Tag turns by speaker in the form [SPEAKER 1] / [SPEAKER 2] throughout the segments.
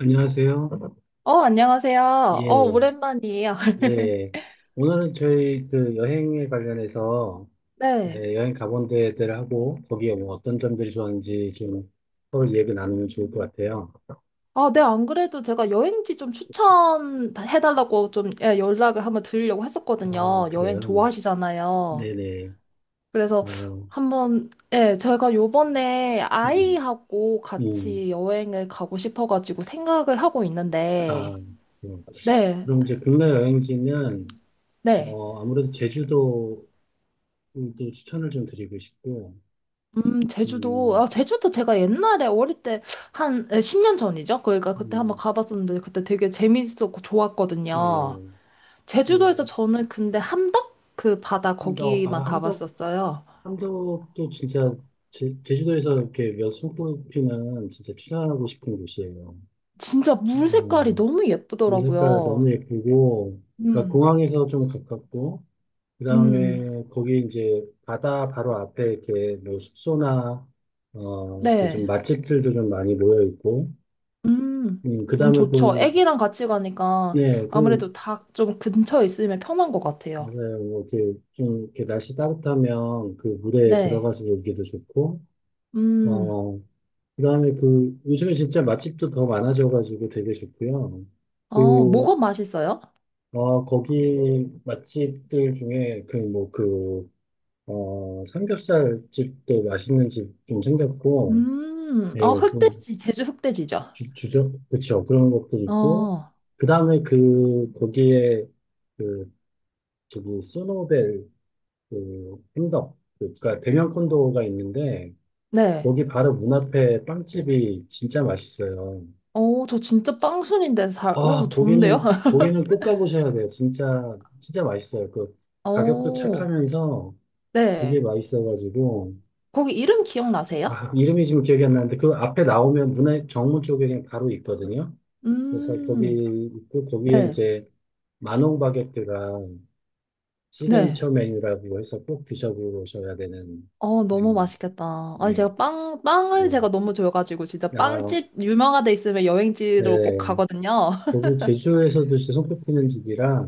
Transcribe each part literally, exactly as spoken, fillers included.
[SPEAKER 1] 안녕하세요.
[SPEAKER 2] 어, 안녕하세요. 어,
[SPEAKER 1] 예,
[SPEAKER 2] 오랜만이에요.
[SPEAKER 1] 예. 오늘은 저희 그 여행에 관련해서
[SPEAKER 2] 네.
[SPEAKER 1] 예, 여행 가본 데들하고 거기에 뭐 어떤 점들이 좋았는지 좀 서로 얘기 나누면 좋을 것 같아요.
[SPEAKER 2] 아, 네, 안 그래도 제가 여행지 좀 추천해달라고 좀, 예, 연락을 한번 드리려고
[SPEAKER 1] 아,
[SPEAKER 2] 했었거든요. 여행
[SPEAKER 1] 그래요.
[SPEAKER 2] 좋아하시잖아요.
[SPEAKER 1] 네네.
[SPEAKER 2] 그래서
[SPEAKER 1] 어,
[SPEAKER 2] 한번, 예, 제가 요번에
[SPEAKER 1] 음,
[SPEAKER 2] 아이하고 같이
[SPEAKER 1] 음.
[SPEAKER 2] 여행을 가고 싶어가지고 생각을 하고
[SPEAKER 1] 아,
[SPEAKER 2] 있는데,
[SPEAKER 1] 그래요.
[SPEAKER 2] 네,
[SPEAKER 1] 그럼 이제 국내 여행지는
[SPEAKER 2] 네.
[SPEAKER 1] 어, 아무래도 제주도도 추천을 좀 드리고 싶고,
[SPEAKER 2] 음, 제주도,
[SPEAKER 1] 음,
[SPEAKER 2] 아, 제주도 제가 옛날에 어릴 때 한 십 년 전이죠? 그러니까 그때 한번
[SPEAKER 1] 음,
[SPEAKER 2] 가봤었는데 그때 되게 재밌었고 좋았거든요.
[SPEAKER 1] 예.
[SPEAKER 2] 제주도에서
[SPEAKER 1] 또
[SPEAKER 2] 저는 근데 함덕 그 바다
[SPEAKER 1] 함덕,
[SPEAKER 2] 거기만
[SPEAKER 1] 아, 함덕
[SPEAKER 2] 가봤었어요.
[SPEAKER 1] 함덕도 진짜 제, 제주도에서 이렇게 몇 손꼽 피면 진짜 출연하고 싶은 곳이에요.
[SPEAKER 2] 진짜 물 색깔이
[SPEAKER 1] 음,
[SPEAKER 2] 너무
[SPEAKER 1] 물 색깔
[SPEAKER 2] 예쁘더라고요.
[SPEAKER 1] 너무 예쁘고, 그러니까
[SPEAKER 2] 음,
[SPEAKER 1] 공항에서 좀 가깝고, 그
[SPEAKER 2] 음,
[SPEAKER 1] 다음에 거기 이제 바다 바로 앞에 이렇게 뭐 숙소나, 어, 이렇게 좀
[SPEAKER 2] 네.
[SPEAKER 1] 맛집들도 좀 많이 모여 있고,
[SPEAKER 2] 음,
[SPEAKER 1] 음, 그
[SPEAKER 2] 음,
[SPEAKER 1] 다음에
[SPEAKER 2] 좋죠.
[SPEAKER 1] 그,
[SPEAKER 2] 애기랑 같이 가니까
[SPEAKER 1] 네, 그,
[SPEAKER 2] 아무래도 다 좀 근처에 있으면 편한 것 같아요.
[SPEAKER 1] 맞아요. 뭐 이렇게 좀 이렇게 날씨 따뜻하면 그 물에
[SPEAKER 2] 네.
[SPEAKER 1] 들어가서 놀기도 좋고,
[SPEAKER 2] 음,
[SPEAKER 1] 어, 그다음에 그 요즘에 진짜 맛집도 더 많아져가지고 되게 좋고요.
[SPEAKER 2] 어,
[SPEAKER 1] 그,
[SPEAKER 2] 뭐가 맛있어요?
[SPEAKER 1] 어, 거기 맛집들 중에 그 뭐 그, 어, 삼겹살 집도 맛있는 집 좀 생겼고,
[SPEAKER 2] 음,
[SPEAKER 1] 예,
[SPEAKER 2] 아,
[SPEAKER 1] 그
[SPEAKER 2] 흑돼지, 제주 흑돼지죠.
[SPEAKER 1] 주, 주죠? 그쵸. 그런 것도 있고,
[SPEAKER 2] 어,
[SPEAKER 1] 그다음에 그 거기에 그 저기 소노벨 그 햄덕 그니까 대명 콘도가 있는데
[SPEAKER 2] 네.
[SPEAKER 1] 거기 바로 문 앞에 빵집이 진짜 맛있어요.
[SPEAKER 2] 어, 저 진짜 빵순인데 잘,
[SPEAKER 1] 아,
[SPEAKER 2] 어, 좋은데요?
[SPEAKER 1] 고기는, 고기는 꼭 가보셔야 돼요. 진짜, 진짜 맛있어요. 그, 가격도
[SPEAKER 2] 어,
[SPEAKER 1] 착하면서 되게
[SPEAKER 2] 네.
[SPEAKER 1] 맛있어가지고.
[SPEAKER 2] 거기 이름 기억나세요?
[SPEAKER 1] 아, 이름이 지금 기억이 안 나는데, 그 앞에 나오면 문화 정문 쪽에 그냥 바로 있거든요. 그래서
[SPEAKER 2] 음,
[SPEAKER 1] 거기 있고, 거기에
[SPEAKER 2] 네,
[SPEAKER 1] 이제 마농 바게트가
[SPEAKER 2] 네.
[SPEAKER 1] 시그니처 메뉴라고 해서 꼭 드셔보셔야 되는,
[SPEAKER 2] 어, 너무
[SPEAKER 1] 메뉴.
[SPEAKER 2] 맛있겠다. 아니,
[SPEAKER 1] 네,
[SPEAKER 2] 제가 빵, 빵을 제가
[SPEAKER 1] 음,
[SPEAKER 2] 너무 좋아가지고, 진짜
[SPEAKER 1] 아,
[SPEAKER 2] 빵집 유명한 데 있으면 여행지로 꼭
[SPEAKER 1] 네.
[SPEAKER 2] 가거든요.
[SPEAKER 1] 거기 제주에서도 진짜 손꼽히는 집이라,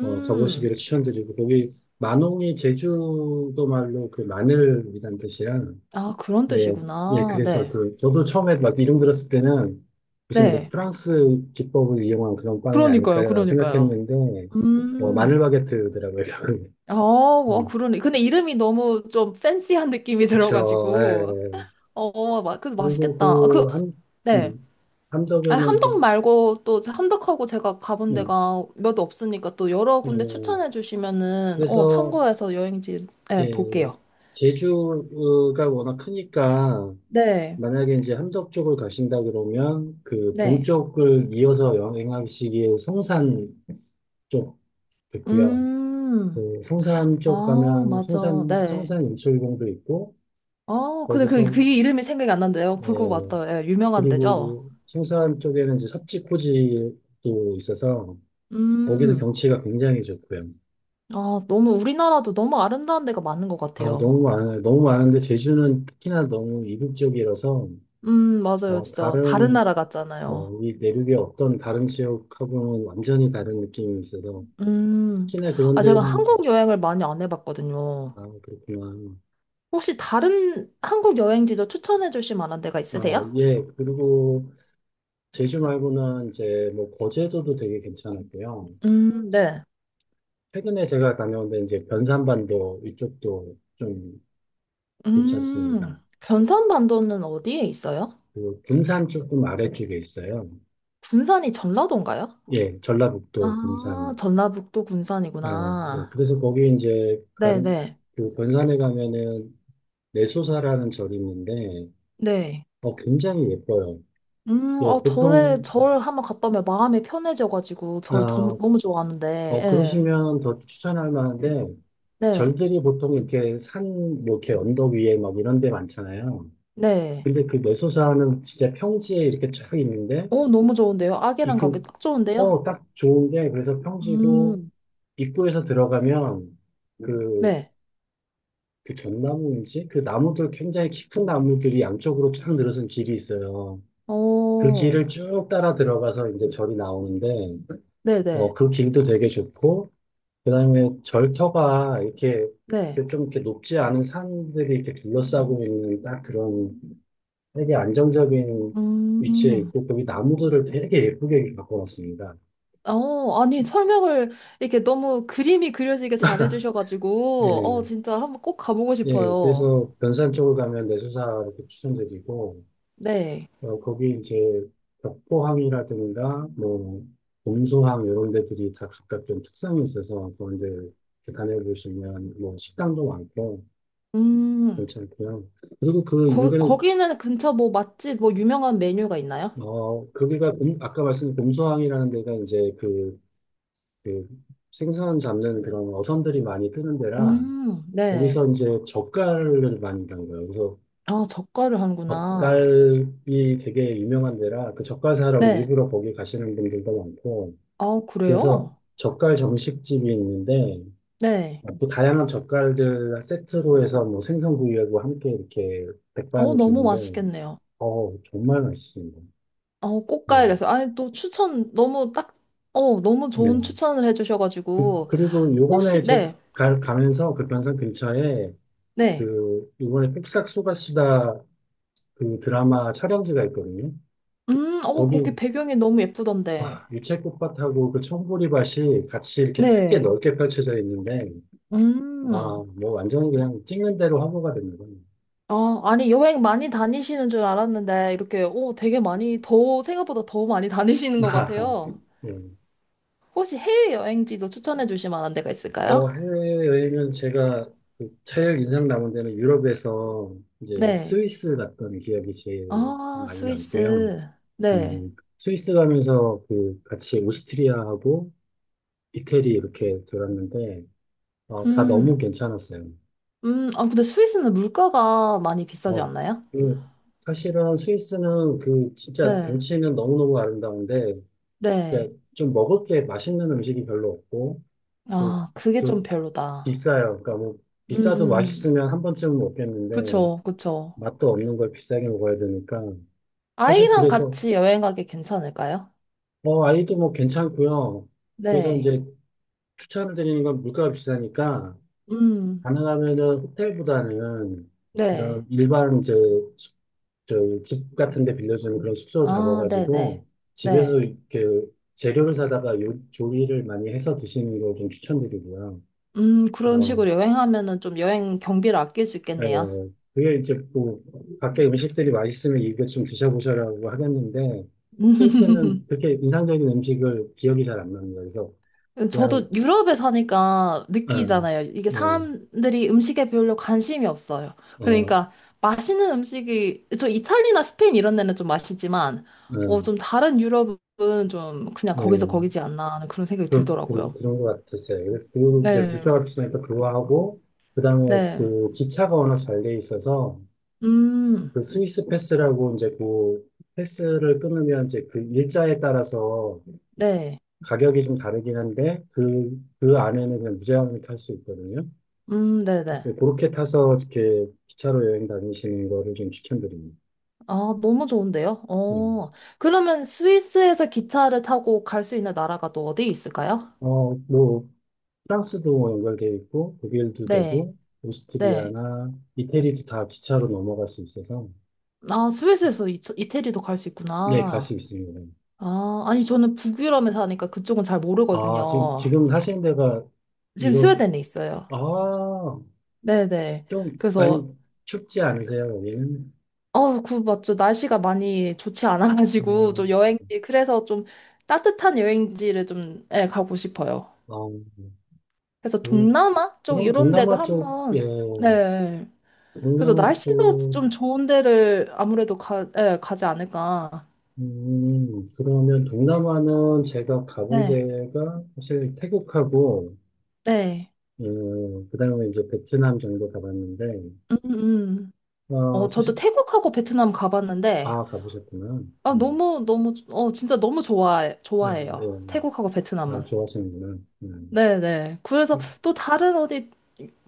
[SPEAKER 1] 어, 가보시기를 추천드리고, 거기, 만홍이 제주도 말로 그 마늘이란 뜻이야.
[SPEAKER 2] 아, 그런
[SPEAKER 1] 예, 예,
[SPEAKER 2] 뜻이구나.
[SPEAKER 1] 그래서
[SPEAKER 2] 네,
[SPEAKER 1] 그, 저도 처음에 막 이름 들었을 때는 무슨 뭐
[SPEAKER 2] 네.
[SPEAKER 1] 프랑스 기법을 이용한 그런 빵이
[SPEAKER 2] 그러니까요,
[SPEAKER 1] 아닐까라는
[SPEAKER 2] 그러니까요.
[SPEAKER 1] 생각했는데, 뭐 마늘
[SPEAKER 2] 음,
[SPEAKER 1] 바게트더라고요.
[SPEAKER 2] 아, 와,
[SPEAKER 1] 음,
[SPEAKER 2] 그러네. 근데 이름이 너무 좀 팬시한 느낌이
[SPEAKER 1] 그쵸, 예.
[SPEAKER 2] 들어가지고,
[SPEAKER 1] 예, 예.
[SPEAKER 2] 어, 마, 그
[SPEAKER 1] 그리고
[SPEAKER 2] 맛있겠다. 아, 그,
[SPEAKER 1] 그, 함,
[SPEAKER 2] 네.
[SPEAKER 1] 음,
[SPEAKER 2] 아,
[SPEAKER 1] 함덕에는
[SPEAKER 2] 함덕
[SPEAKER 1] 그,
[SPEAKER 2] 말고 또 함덕하고 제가 가본
[SPEAKER 1] 음,
[SPEAKER 2] 데가 몇 없으니까 또 여러 군데
[SPEAKER 1] 음,
[SPEAKER 2] 추천해 주시면은, 어,
[SPEAKER 1] 그래서,
[SPEAKER 2] 참고해서 여행지 네,
[SPEAKER 1] 예,
[SPEAKER 2] 볼게요.
[SPEAKER 1] 제주가 워낙 크니까,
[SPEAKER 2] 네.
[SPEAKER 1] 만약에 이제 함덕 쪽을 가신다 그러면 그
[SPEAKER 2] 네.
[SPEAKER 1] 동쪽을 이어서 여행하시기에 성산 쪽 있고요.
[SPEAKER 2] 음.
[SPEAKER 1] 그 성산 쪽
[SPEAKER 2] 아,
[SPEAKER 1] 가면
[SPEAKER 2] 맞아.
[SPEAKER 1] 성산
[SPEAKER 2] 네.
[SPEAKER 1] 성산 일출봉도 있고
[SPEAKER 2] 아, 근데 그,
[SPEAKER 1] 거기서
[SPEAKER 2] 그 이름이 생각이 안 난대요. 그거
[SPEAKER 1] 예
[SPEAKER 2] 맞다. 예, 유명한 데죠?
[SPEAKER 1] 그리고 성산 쪽에는 이제 섭지코지도 있어서 거기도
[SPEAKER 2] 음.
[SPEAKER 1] 경치가 굉장히 좋고요.
[SPEAKER 2] 아, 너무 우리나라도 너무 아름다운 데가 많은 것
[SPEAKER 1] 아
[SPEAKER 2] 같아요.
[SPEAKER 1] 너무 많아요. 너무 많은데 제주는 특히나 너무 이국적이라서
[SPEAKER 2] 음, 맞아요.
[SPEAKER 1] 어
[SPEAKER 2] 진짜 다른
[SPEAKER 1] 다른
[SPEAKER 2] 나라 같잖아요.
[SPEAKER 1] 어, 리 내륙의 어떤 다른 지역하고는 완전히 다른 느낌이 있어서
[SPEAKER 2] 음.
[SPEAKER 1] 시내 그런
[SPEAKER 2] 아, 제가
[SPEAKER 1] 데는 좀-
[SPEAKER 2] 한국 여행을 많이 안 해봤거든요.
[SPEAKER 1] 아 그렇구나.
[SPEAKER 2] 혹시 다른 한국 여행지도 추천해 주실 만한 데가
[SPEAKER 1] 아
[SPEAKER 2] 있으세요?
[SPEAKER 1] 예. 그리고 제주 말고는 이제 뭐 거제도도 되게 괜찮았고요.
[SPEAKER 2] 음, 네.
[SPEAKER 1] 최근에 제가 다녀온 데 이제 변산반도 이쪽도 좀
[SPEAKER 2] 음,
[SPEAKER 1] 괜찮습니다.
[SPEAKER 2] 변산반도는 어디에 있어요?
[SPEAKER 1] 그리고 군산 조금 아래쪽에 있어요.
[SPEAKER 2] 군산이 전라도인가요?
[SPEAKER 1] 예, 전라북도
[SPEAKER 2] 아,
[SPEAKER 1] 군산.
[SPEAKER 2] 전라북도
[SPEAKER 1] 어, 예,
[SPEAKER 2] 군산이구나.
[SPEAKER 1] 그래서 거기 이제
[SPEAKER 2] 네네.
[SPEAKER 1] 가는
[SPEAKER 2] 네.
[SPEAKER 1] 그 변산에 가면은 내소사라는 절이 있는데
[SPEAKER 2] 네.
[SPEAKER 1] 어 굉장히 예뻐요.
[SPEAKER 2] 음,
[SPEAKER 1] 예,
[SPEAKER 2] 어, 절에,
[SPEAKER 1] 보통
[SPEAKER 2] 절 한번 갔다 오면 마음이 편해져가지고, 절 너무,
[SPEAKER 1] 아
[SPEAKER 2] 너무 좋아하는데,
[SPEAKER 1] 어,
[SPEAKER 2] 예.
[SPEAKER 1] 그러시면 더 추천할 만한데,
[SPEAKER 2] 네.
[SPEAKER 1] 절들이 보통 이렇게 산, 뭐 이렇게 언덕 위에 막 이런 데 많잖아요.
[SPEAKER 2] 네.
[SPEAKER 1] 근데 그 내소사는 진짜 평지에 이렇게 쫙 있는데,
[SPEAKER 2] 어, 너무 좋은데요?
[SPEAKER 1] 이
[SPEAKER 2] 아기랑 가기
[SPEAKER 1] 그,
[SPEAKER 2] 딱 좋은데요?
[SPEAKER 1] 어, 딱 좋은 게, 그래서 평지고,
[SPEAKER 2] 음,
[SPEAKER 1] 입구에서 들어가면, 그,
[SPEAKER 2] 네.
[SPEAKER 1] 그 전나무인지? 그 나무들, 굉장히 깊은 나무들이 양쪽으로 쫙 늘어선 길이 있어요. 그 길을
[SPEAKER 2] 어,
[SPEAKER 1] 쭉 따라 들어가서 이제 절이 나오는데,
[SPEAKER 2] 네네.
[SPEAKER 1] 어,
[SPEAKER 2] 네.
[SPEAKER 1] 그 길도 되게 좋고, 그다음에 절터가 이렇게
[SPEAKER 2] 네.
[SPEAKER 1] 좀 이렇게 높지 않은 산들이 이렇게 둘러싸고 있는 딱 그런 되게 안정적인 위치에
[SPEAKER 2] 음,
[SPEAKER 1] 있고 거기 나무들을 되게 예쁘게 바꿔놨습니다.
[SPEAKER 2] 어, 아니, 설명을 이렇게 너무 그림이 그려지게 잘해주셔가지고, 어,
[SPEAKER 1] 예,
[SPEAKER 2] 진짜 한번 꼭 가보고
[SPEAKER 1] 예.
[SPEAKER 2] 싶어요.
[SPEAKER 1] 그래서 변산 쪽을 가면 내수사 이렇게 추천드리고
[SPEAKER 2] 네.
[SPEAKER 1] 어, 거기 이제 벽포항이라든가 뭐 봄소항 이런 데들이 다 각각 좀 특성이 있어서 그런 데 이렇게 다녀보시면 뭐 식당도 많고
[SPEAKER 2] 음,
[SPEAKER 1] 괜찮고요. 그리고 그
[SPEAKER 2] 거,
[SPEAKER 1] 인근에
[SPEAKER 2] 거기는 근처 뭐 맛집, 뭐 유명한 메뉴가 있나요?
[SPEAKER 1] 어, 거기가 공- 아까 말씀드린 곰소항이라는 데가 이제 그, 그 생선 잡는 그런 어선들이 많이 뜨는 데라
[SPEAKER 2] 음,
[SPEAKER 1] 거기서
[SPEAKER 2] 네.
[SPEAKER 1] 이제 젓갈을 많이 담는 거예요. 그래서
[SPEAKER 2] 아, 젓갈을 하는구나.
[SPEAKER 1] 젓갈이 되게 유명한 데라 그 젓갈사라고
[SPEAKER 2] 네.
[SPEAKER 1] 일부러 거기 가시는 분들도 많고
[SPEAKER 2] 아,
[SPEAKER 1] 그래서
[SPEAKER 2] 그래요?
[SPEAKER 1] 젓갈 정식집이 있는데
[SPEAKER 2] 네.
[SPEAKER 1] 또 다양한 젓갈들 세트로 해서 뭐 생선구이하고 함께 이렇게
[SPEAKER 2] 어,
[SPEAKER 1] 백반을
[SPEAKER 2] 너무
[SPEAKER 1] 주는데
[SPEAKER 2] 맛있겠네요.
[SPEAKER 1] 어 정말 맛있습니다.
[SPEAKER 2] 어, 꼭
[SPEAKER 1] 네.
[SPEAKER 2] 가야겠어요. 아니, 또 추천 너무 딱, 어, 너무 좋은
[SPEAKER 1] 네.
[SPEAKER 2] 추천을
[SPEAKER 1] 그,
[SPEAKER 2] 해주셔가지고,
[SPEAKER 1] 그리고 요번에
[SPEAKER 2] 혹시,
[SPEAKER 1] 제,
[SPEAKER 2] 네,
[SPEAKER 1] 가, 가면서 그 변산 근처에
[SPEAKER 2] 네.
[SPEAKER 1] 그 요번에 뚝싹 쏘가수다 그 드라마 촬영지가 있거든요.
[SPEAKER 2] 음, 어,
[SPEAKER 1] 거기
[SPEAKER 2] 거기 배경이 너무 예쁘던데.
[SPEAKER 1] 와, 유채꽃밭하고 그 청보리밭이 같이 이렇게 되게
[SPEAKER 2] 네.
[SPEAKER 1] 넓게 펼쳐져 있는데 아,
[SPEAKER 2] 음.
[SPEAKER 1] 뭐 완전히 그냥 찍는 대로 화보가 되는 거예요.
[SPEAKER 2] 아, 아니, 여행 많이 다니시는 줄 알았는데, 이렇게, 오, 되게 많이, 더, 생각보다 더 많이 다니시는 것
[SPEAKER 1] 아하.
[SPEAKER 2] 같아요.
[SPEAKER 1] 예.
[SPEAKER 2] 혹시 해외여행지도 추천해 주실 만한 데가
[SPEAKER 1] 어,
[SPEAKER 2] 있을까요?
[SPEAKER 1] 해외여행은 제가 그 제일 인상 남은 데는 유럽에서 이제
[SPEAKER 2] 네.
[SPEAKER 1] 스위스 갔던 기억이 제일
[SPEAKER 2] 아,
[SPEAKER 1] 많이
[SPEAKER 2] 스위스.
[SPEAKER 1] 남고요.
[SPEAKER 2] 네.
[SPEAKER 1] 음, 스위스 가면서 그 같이 오스트리아하고 이태리 이렇게 돌았는데 어, 다 너무
[SPEAKER 2] 음.
[SPEAKER 1] 괜찮았어요.
[SPEAKER 2] 음, 아, 근데 스위스는 물가가 많이 비싸지
[SPEAKER 1] 어,
[SPEAKER 2] 않나요?
[SPEAKER 1] 그 사실은 스위스는 그 진짜
[SPEAKER 2] 네.
[SPEAKER 1] 경치는 너무너무 아름다운데
[SPEAKER 2] 네.
[SPEAKER 1] 그좀 먹을 게 맛있는 음식이 별로 없고 또,
[SPEAKER 2] 아, 그게 좀
[SPEAKER 1] 또
[SPEAKER 2] 별로다.
[SPEAKER 1] 비싸요. 그러니까 뭐
[SPEAKER 2] 음,
[SPEAKER 1] 비싸도
[SPEAKER 2] 음.
[SPEAKER 1] 맛있으면 한 번쯤은 먹겠는데
[SPEAKER 2] 그쵸, 그쵸.
[SPEAKER 1] 맛도 없는 걸 비싸게 먹어야 되니까 사실
[SPEAKER 2] 아이랑
[SPEAKER 1] 그래서
[SPEAKER 2] 같이 여행 가기 괜찮을까요?
[SPEAKER 1] 어, 아이도 뭐 괜찮고요. 그래서
[SPEAKER 2] 네.
[SPEAKER 1] 이제 추천을 드리는 건 물가가 비싸니까
[SPEAKER 2] 음.
[SPEAKER 1] 가능하면은 호텔보다는
[SPEAKER 2] 네.
[SPEAKER 1] 이런 일반 이제 숙- 저집 같은 데 빌려주는 그런 숙소를
[SPEAKER 2] 아, 네네. 네.
[SPEAKER 1] 잡아가지고
[SPEAKER 2] 네.
[SPEAKER 1] 집에서 이렇게 재료를 사다가 요, 조리를 많이 해서 드시는 걸 좀 추천드리고요.
[SPEAKER 2] 음, 그런
[SPEAKER 1] 어,
[SPEAKER 2] 식으로 여행하면은 좀 여행 경비를 아낄 수
[SPEAKER 1] 예,
[SPEAKER 2] 있겠네요.
[SPEAKER 1] 예. 그게 이제 뭐 밖에 음식들이 맛있으면 이거 좀 드셔보셔라고 하겠는데 스위스는 그렇게 인상적인 음식을 기억이 잘 안 납니다. 그래서
[SPEAKER 2] 저도
[SPEAKER 1] 그냥
[SPEAKER 2] 유럽에 사니까
[SPEAKER 1] 어,
[SPEAKER 2] 느끼잖아요. 이게
[SPEAKER 1] 예,
[SPEAKER 2] 사람들이 음식에 별로 관심이 없어요.
[SPEAKER 1] 어,
[SPEAKER 2] 그러니까 맛있는 음식이, 저 이탈리나 스페인 이런 데는 좀 맛있지만,
[SPEAKER 1] 예,
[SPEAKER 2] 어, 좀 다른 유럽은 좀 그냥 거기서
[SPEAKER 1] 예.
[SPEAKER 2] 거기지 않나 하는 그런 생각이
[SPEAKER 1] 그, 그,
[SPEAKER 2] 들더라고요.
[SPEAKER 1] 그런 것 같았어요. 그리고 그 이제
[SPEAKER 2] 네,
[SPEAKER 1] 물가가 비니까 그거 하고, 그 다음에
[SPEAKER 2] 네,
[SPEAKER 1] 그 기차가 워낙 잘 돼 있어서,
[SPEAKER 2] 음,
[SPEAKER 1] 그 스위스 패스라고 이제 그 패스를 끊으면 이제 그 일자에 따라서
[SPEAKER 2] 네,
[SPEAKER 1] 가격이 좀 다르긴 한데, 그, 그 안에는 그냥 무제한으로 탈 수 있거든요.
[SPEAKER 2] 음, 네네.
[SPEAKER 1] 네, 그렇게 타서 이렇게 기차로 여행 다니시는 거를 좀 추천드립니다.
[SPEAKER 2] 아, 너무 좋은데요?
[SPEAKER 1] 음.
[SPEAKER 2] 어. 그러면 스위스에서 기차를 타고 갈 수 있는 나라가 또 어디 있을까요?
[SPEAKER 1] 어, 뭐, 프랑스도 연결돼 있고, 독일도
[SPEAKER 2] 네,
[SPEAKER 1] 되고,
[SPEAKER 2] 네.
[SPEAKER 1] 오스트리아나 이태리도 다 기차로 넘어갈 수 있어서,
[SPEAKER 2] 아, 스위스에서 이, 이태리도 갈 수
[SPEAKER 1] 네, 갈
[SPEAKER 2] 있구나.
[SPEAKER 1] 수 있습니다.
[SPEAKER 2] 아, 아니, 저는 북유럽에 사니까 그쪽은 잘
[SPEAKER 1] 아, 지금,
[SPEAKER 2] 모르거든요.
[SPEAKER 1] 지금 하시는 데가
[SPEAKER 2] 지금
[SPEAKER 1] 유럽,
[SPEAKER 2] 스웨덴에 있어요.
[SPEAKER 1] 아,
[SPEAKER 2] 네네.
[SPEAKER 1] 좀
[SPEAKER 2] 그래서,
[SPEAKER 1] 많이 춥지 않으세요, 여기는?
[SPEAKER 2] 어, 그, 맞죠. 날씨가 많이 좋지 않아가지고, 좀
[SPEAKER 1] 음,
[SPEAKER 2] 여행지, 그래서 좀 따뜻한 여행지를 좀, 예, 가고 싶어요.
[SPEAKER 1] 아,
[SPEAKER 2] 그래서
[SPEAKER 1] 그,
[SPEAKER 2] 동남아 쪽
[SPEAKER 1] 그럼
[SPEAKER 2] 이런 데도
[SPEAKER 1] 동남아 쪽, 예,
[SPEAKER 2] 한번, 네. 그래서
[SPEAKER 1] 동남아
[SPEAKER 2] 날씨가
[SPEAKER 1] 쪽,
[SPEAKER 2] 좀 좋은 데를 아무래도 가, 예, 가지 않을까.
[SPEAKER 1] 음, 그러면 동남아는 제가 가본
[SPEAKER 2] 네.
[SPEAKER 1] 데가 사실 태국하고,
[SPEAKER 2] 네.
[SPEAKER 1] 음, 그다음에 이제 베트남 정도 가봤는데,
[SPEAKER 2] 음, 음.
[SPEAKER 1] 아,
[SPEAKER 2] 어, 저도
[SPEAKER 1] 사실,
[SPEAKER 2] 태국하고 베트남 가봤는데,
[SPEAKER 1] 아, 가보셨구나.
[SPEAKER 2] 아,
[SPEAKER 1] 음,
[SPEAKER 2] 너무, 너무, 어, 진짜 너무 좋아해,
[SPEAKER 1] 네, 네.
[SPEAKER 2] 좋아해요.
[SPEAKER 1] 네.
[SPEAKER 2] 태국하고
[SPEAKER 1] 아,
[SPEAKER 2] 베트남은.
[SPEAKER 1] 좋아하시는구나. 음.
[SPEAKER 2] 네네. 그래서 또 다른 어디,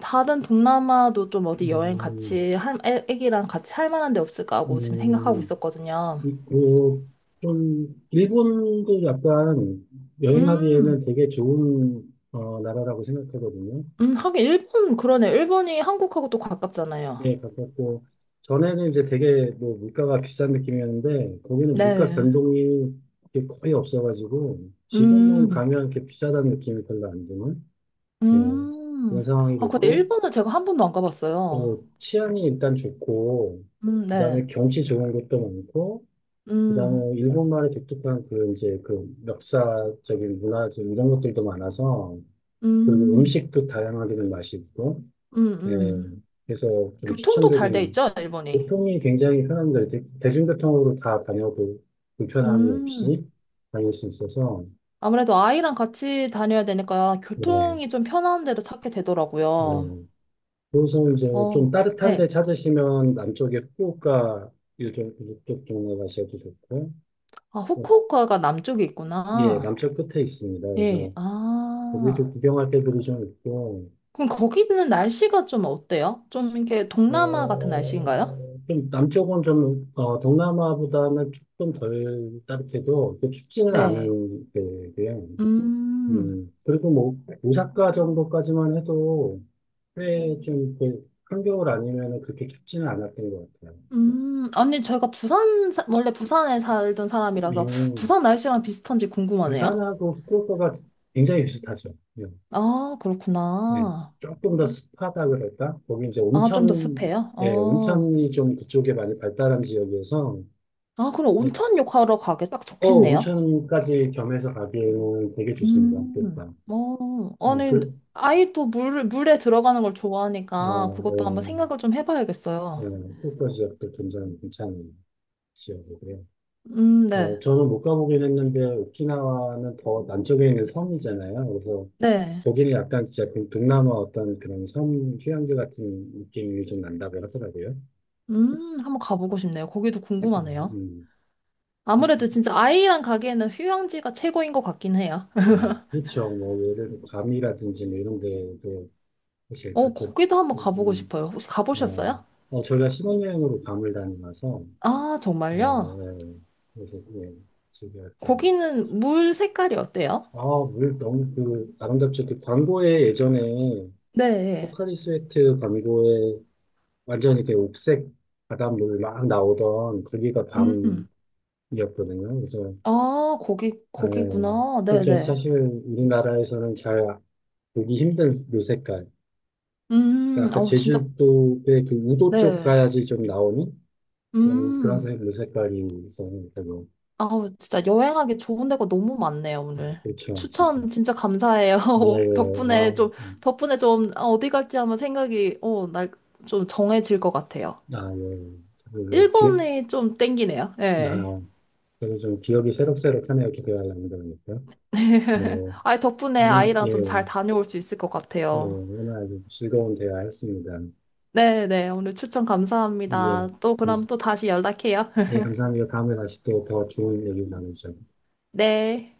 [SPEAKER 2] 다른 동남아도 좀 어디 여행
[SPEAKER 1] 음,
[SPEAKER 2] 같이, 할, 애, 애기랑 같이 할 만한 데 없을까 하고 지금 생각하고
[SPEAKER 1] 음,
[SPEAKER 2] 있었거든요.
[SPEAKER 1] 이- 고 좀, 일본도 약간
[SPEAKER 2] 음,
[SPEAKER 1] 여행하기에는 되게 좋은, 어, 나라라고 생각하거든요.
[SPEAKER 2] 음, 하긴 일본, 그러네. 일본이 한국하고 또 가깝잖아요.
[SPEAKER 1] 예, 가깝고, 전에는 이제 되게 뭐 물가가 비싼 느낌이었는데, 거기는 물가
[SPEAKER 2] 네.
[SPEAKER 1] 변동이 이렇게 거의 없어가지고, 지금은
[SPEAKER 2] 음.
[SPEAKER 1] 가면 이렇게 비싸다는 느낌이 별로 안 드는, 예,
[SPEAKER 2] 음.
[SPEAKER 1] 그런 상황이
[SPEAKER 2] 아, 그
[SPEAKER 1] 됐고,
[SPEAKER 2] 일본은 제가 한 번도 안
[SPEAKER 1] 어,
[SPEAKER 2] 가봤어요.
[SPEAKER 1] 치안이 일단 좋고,
[SPEAKER 2] 음,
[SPEAKER 1] 그다음에
[SPEAKER 2] 네.
[SPEAKER 1] 경치 좋은 것도 많고,
[SPEAKER 2] 음,
[SPEAKER 1] 그다음에 일본말의 독특한 그 이제 그 역사적인 문화적인 이런 것들도 많아서 그리고
[SPEAKER 2] 음,
[SPEAKER 1] 음식도 다양하게 좀 맛이 있고
[SPEAKER 2] 음,
[SPEAKER 1] 예
[SPEAKER 2] 음.
[SPEAKER 1] 그래서 좀
[SPEAKER 2] 교통도 잘 돼
[SPEAKER 1] 추천드리는
[SPEAKER 2] 있죠, 일본이.
[SPEAKER 1] 교통이 굉장히 편합니다. 대, 대중교통으로 다 다녀도 불편함이
[SPEAKER 2] 음.
[SPEAKER 1] 없이 다닐 수 있어서
[SPEAKER 2] 아무래도 아이랑 같이 다녀야 되니까
[SPEAKER 1] 네
[SPEAKER 2] 교통이 좀 편한 데로 찾게
[SPEAKER 1] 네.
[SPEAKER 2] 되더라고요.
[SPEAKER 1] 그래서 이제 좀
[SPEAKER 2] 어,
[SPEAKER 1] 따뜻한 데
[SPEAKER 2] 네.
[SPEAKER 1] 찾으시면 남쪽에 후쿠오카 이쪽 이쪽 동네 가셔도 좋고
[SPEAKER 2] 아,
[SPEAKER 1] 어,
[SPEAKER 2] 후쿠오카가 남쪽에
[SPEAKER 1] 예
[SPEAKER 2] 있구나.
[SPEAKER 1] 남쪽 끝에 있습니다.
[SPEAKER 2] 예,
[SPEAKER 1] 그래서 거기도
[SPEAKER 2] 아.
[SPEAKER 1] 구경할 데들이 좀 있고
[SPEAKER 2] 그럼 거기는 날씨가 좀 어때요? 좀 이렇게 동남아 같은 날씨인가요?
[SPEAKER 1] 어, 좀 남쪽은 좀, 어, 동남아보다는 조금 덜 따뜻해도 그 춥지는
[SPEAKER 2] 네.
[SPEAKER 1] 않은 데고요.
[SPEAKER 2] 음.
[SPEAKER 1] 음, 그리고 뭐, 오사카 정도까지만 해도 꽤좀 그, 한겨울 아니면 그렇게 춥지는 않았던 것 같아요.
[SPEAKER 2] 음, 아니, 제가 부산, 사- 원래 부산에 살던 사람이라서
[SPEAKER 1] 음,
[SPEAKER 2] 부산 날씨랑 비슷한지 궁금하네요.
[SPEAKER 1] 부산하고 후쿠오카가 굉장히 비슷하죠. 네.
[SPEAKER 2] 아,
[SPEAKER 1] 네.
[SPEAKER 2] 그렇구나.
[SPEAKER 1] 조금 더 습하다 그럴까? 거기 이제
[SPEAKER 2] 아, 좀 더
[SPEAKER 1] 온천,
[SPEAKER 2] 습해요?
[SPEAKER 1] 예,
[SPEAKER 2] 어.
[SPEAKER 1] 온천이 좀 그쪽에 많이 발달한 지역이어서
[SPEAKER 2] 아, 그럼
[SPEAKER 1] 네,
[SPEAKER 2] 온천욕 하러 가기 딱
[SPEAKER 1] 어,
[SPEAKER 2] 좋겠네요.
[SPEAKER 1] 온천까지 겸해서 가기에는 되게 좋습니다.
[SPEAKER 2] 음,
[SPEAKER 1] 일단.
[SPEAKER 2] 어.
[SPEAKER 1] 어,
[SPEAKER 2] 아니,
[SPEAKER 1] 그,
[SPEAKER 2] 아이도 물, 물에 들어가는 걸 좋아하니까 그것도 한번
[SPEAKER 1] 어,
[SPEAKER 2] 생각을 좀
[SPEAKER 1] 예, 예,
[SPEAKER 2] 해봐야겠어요.
[SPEAKER 1] 후쿠오카 지역도 굉장히 괜찮은 지역이고요.
[SPEAKER 2] 음,
[SPEAKER 1] 어,
[SPEAKER 2] 네.
[SPEAKER 1] 저는 못 가보긴 했는데, 오키나와는 더 남쪽에 있는 섬이잖아요. 그래서
[SPEAKER 2] 네.
[SPEAKER 1] 거기는 약간 진짜 그 동남아 어떤 그런 섬 휴양지 같은 느낌이 좀 난다고 하더라고요.
[SPEAKER 2] 음, 한번 가보고 싶네요. 거기도 궁금하네요.
[SPEAKER 1] 음, 음.
[SPEAKER 2] 아무래도 진짜 아이랑 가기에는 휴양지가 최고인 것 같긴 해요.
[SPEAKER 1] 아, 그렇죠. 뭐, 예를 들어, 괌이라든지 뭐 이런 데도 사실
[SPEAKER 2] 어,
[SPEAKER 1] 그렇게,
[SPEAKER 2] 거기도 한번 가보고
[SPEAKER 1] 여기는,
[SPEAKER 2] 싶어요. 혹시
[SPEAKER 1] 어,
[SPEAKER 2] 가보셨어요?
[SPEAKER 1] 어, 저희가 신혼여행으로 괌을 다녀와서
[SPEAKER 2] 아,
[SPEAKER 1] 네,
[SPEAKER 2] 정말요?
[SPEAKER 1] 네. 그래서 예, 준비했던.
[SPEAKER 2] 거기는 물 색깔이 어때요?
[SPEAKER 1] 아, 물 너무 그 아름답죠. 그 광고에 예전에
[SPEAKER 2] 네.
[SPEAKER 1] 포카리 스웨트 광고에 완전히 그 옥색 바닷물 막 나오던 거기가 밤이었거든요.
[SPEAKER 2] 음.
[SPEAKER 1] 그래서
[SPEAKER 2] 아, 거기,
[SPEAKER 1] 예,
[SPEAKER 2] 거기구나.
[SPEAKER 1] 그렇죠.
[SPEAKER 2] 네네.
[SPEAKER 1] 사실 우리나라에서는 잘 보기 힘든 요 색깔.
[SPEAKER 2] 음,
[SPEAKER 1] 그러니까 아까
[SPEAKER 2] 아우, 진짜,
[SPEAKER 1] 제주도의 그 우도 쪽
[SPEAKER 2] 네.
[SPEAKER 1] 가야지 좀 나오는 그런 그런
[SPEAKER 2] 음.
[SPEAKER 1] 색, 요 색깔이 있었는데
[SPEAKER 2] 아우, 진짜 여행하기 좋은 데가 너무 많네요, 오늘.
[SPEAKER 1] 그렇죠, 진짜.
[SPEAKER 2] 추천 진짜 감사해요.
[SPEAKER 1] 예, 예. 아.
[SPEAKER 2] 덕분에 좀,
[SPEAKER 1] 음.
[SPEAKER 2] 덕분에 좀, 아, 어디 갈지 한번 생각이, 어, 날, 좀 정해질 것 같아요.
[SPEAKER 1] 아, 예. 저도 그 기억,
[SPEAKER 2] 일본이 좀 땡기네요. 네.
[SPEAKER 1] 아, 저도 좀 기억이 새록새록하네요. 기대할 남다 보니까. 예.
[SPEAKER 2] 아, 덕분에
[SPEAKER 1] 오늘,
[SPEAKER 2] 아이랑
[SPEAKER 1] 예,
[SPEAKER 2] 좀 잘 다녀올 수 있을 것
[SPEAKER 1] 예.
[SPEAKER 2] 같아요.
[SPEAKER 1] 오늘 아주 즐거운 대화였습니다.
[SPEAKER 2] 네네, 오늘 추천
[SPEAKER 1] 예.
[SPEAKER 2] 감사합니다. 또
[SPEAKER 1] 감,
[SPEAKER 2] 그럼 또 다시 연락해요.
[SPEAKER 1] 예, 감사합니다. 다음에 다시 또 더 좋은 얘기 나누죠.
[SPEAKER 2] 네.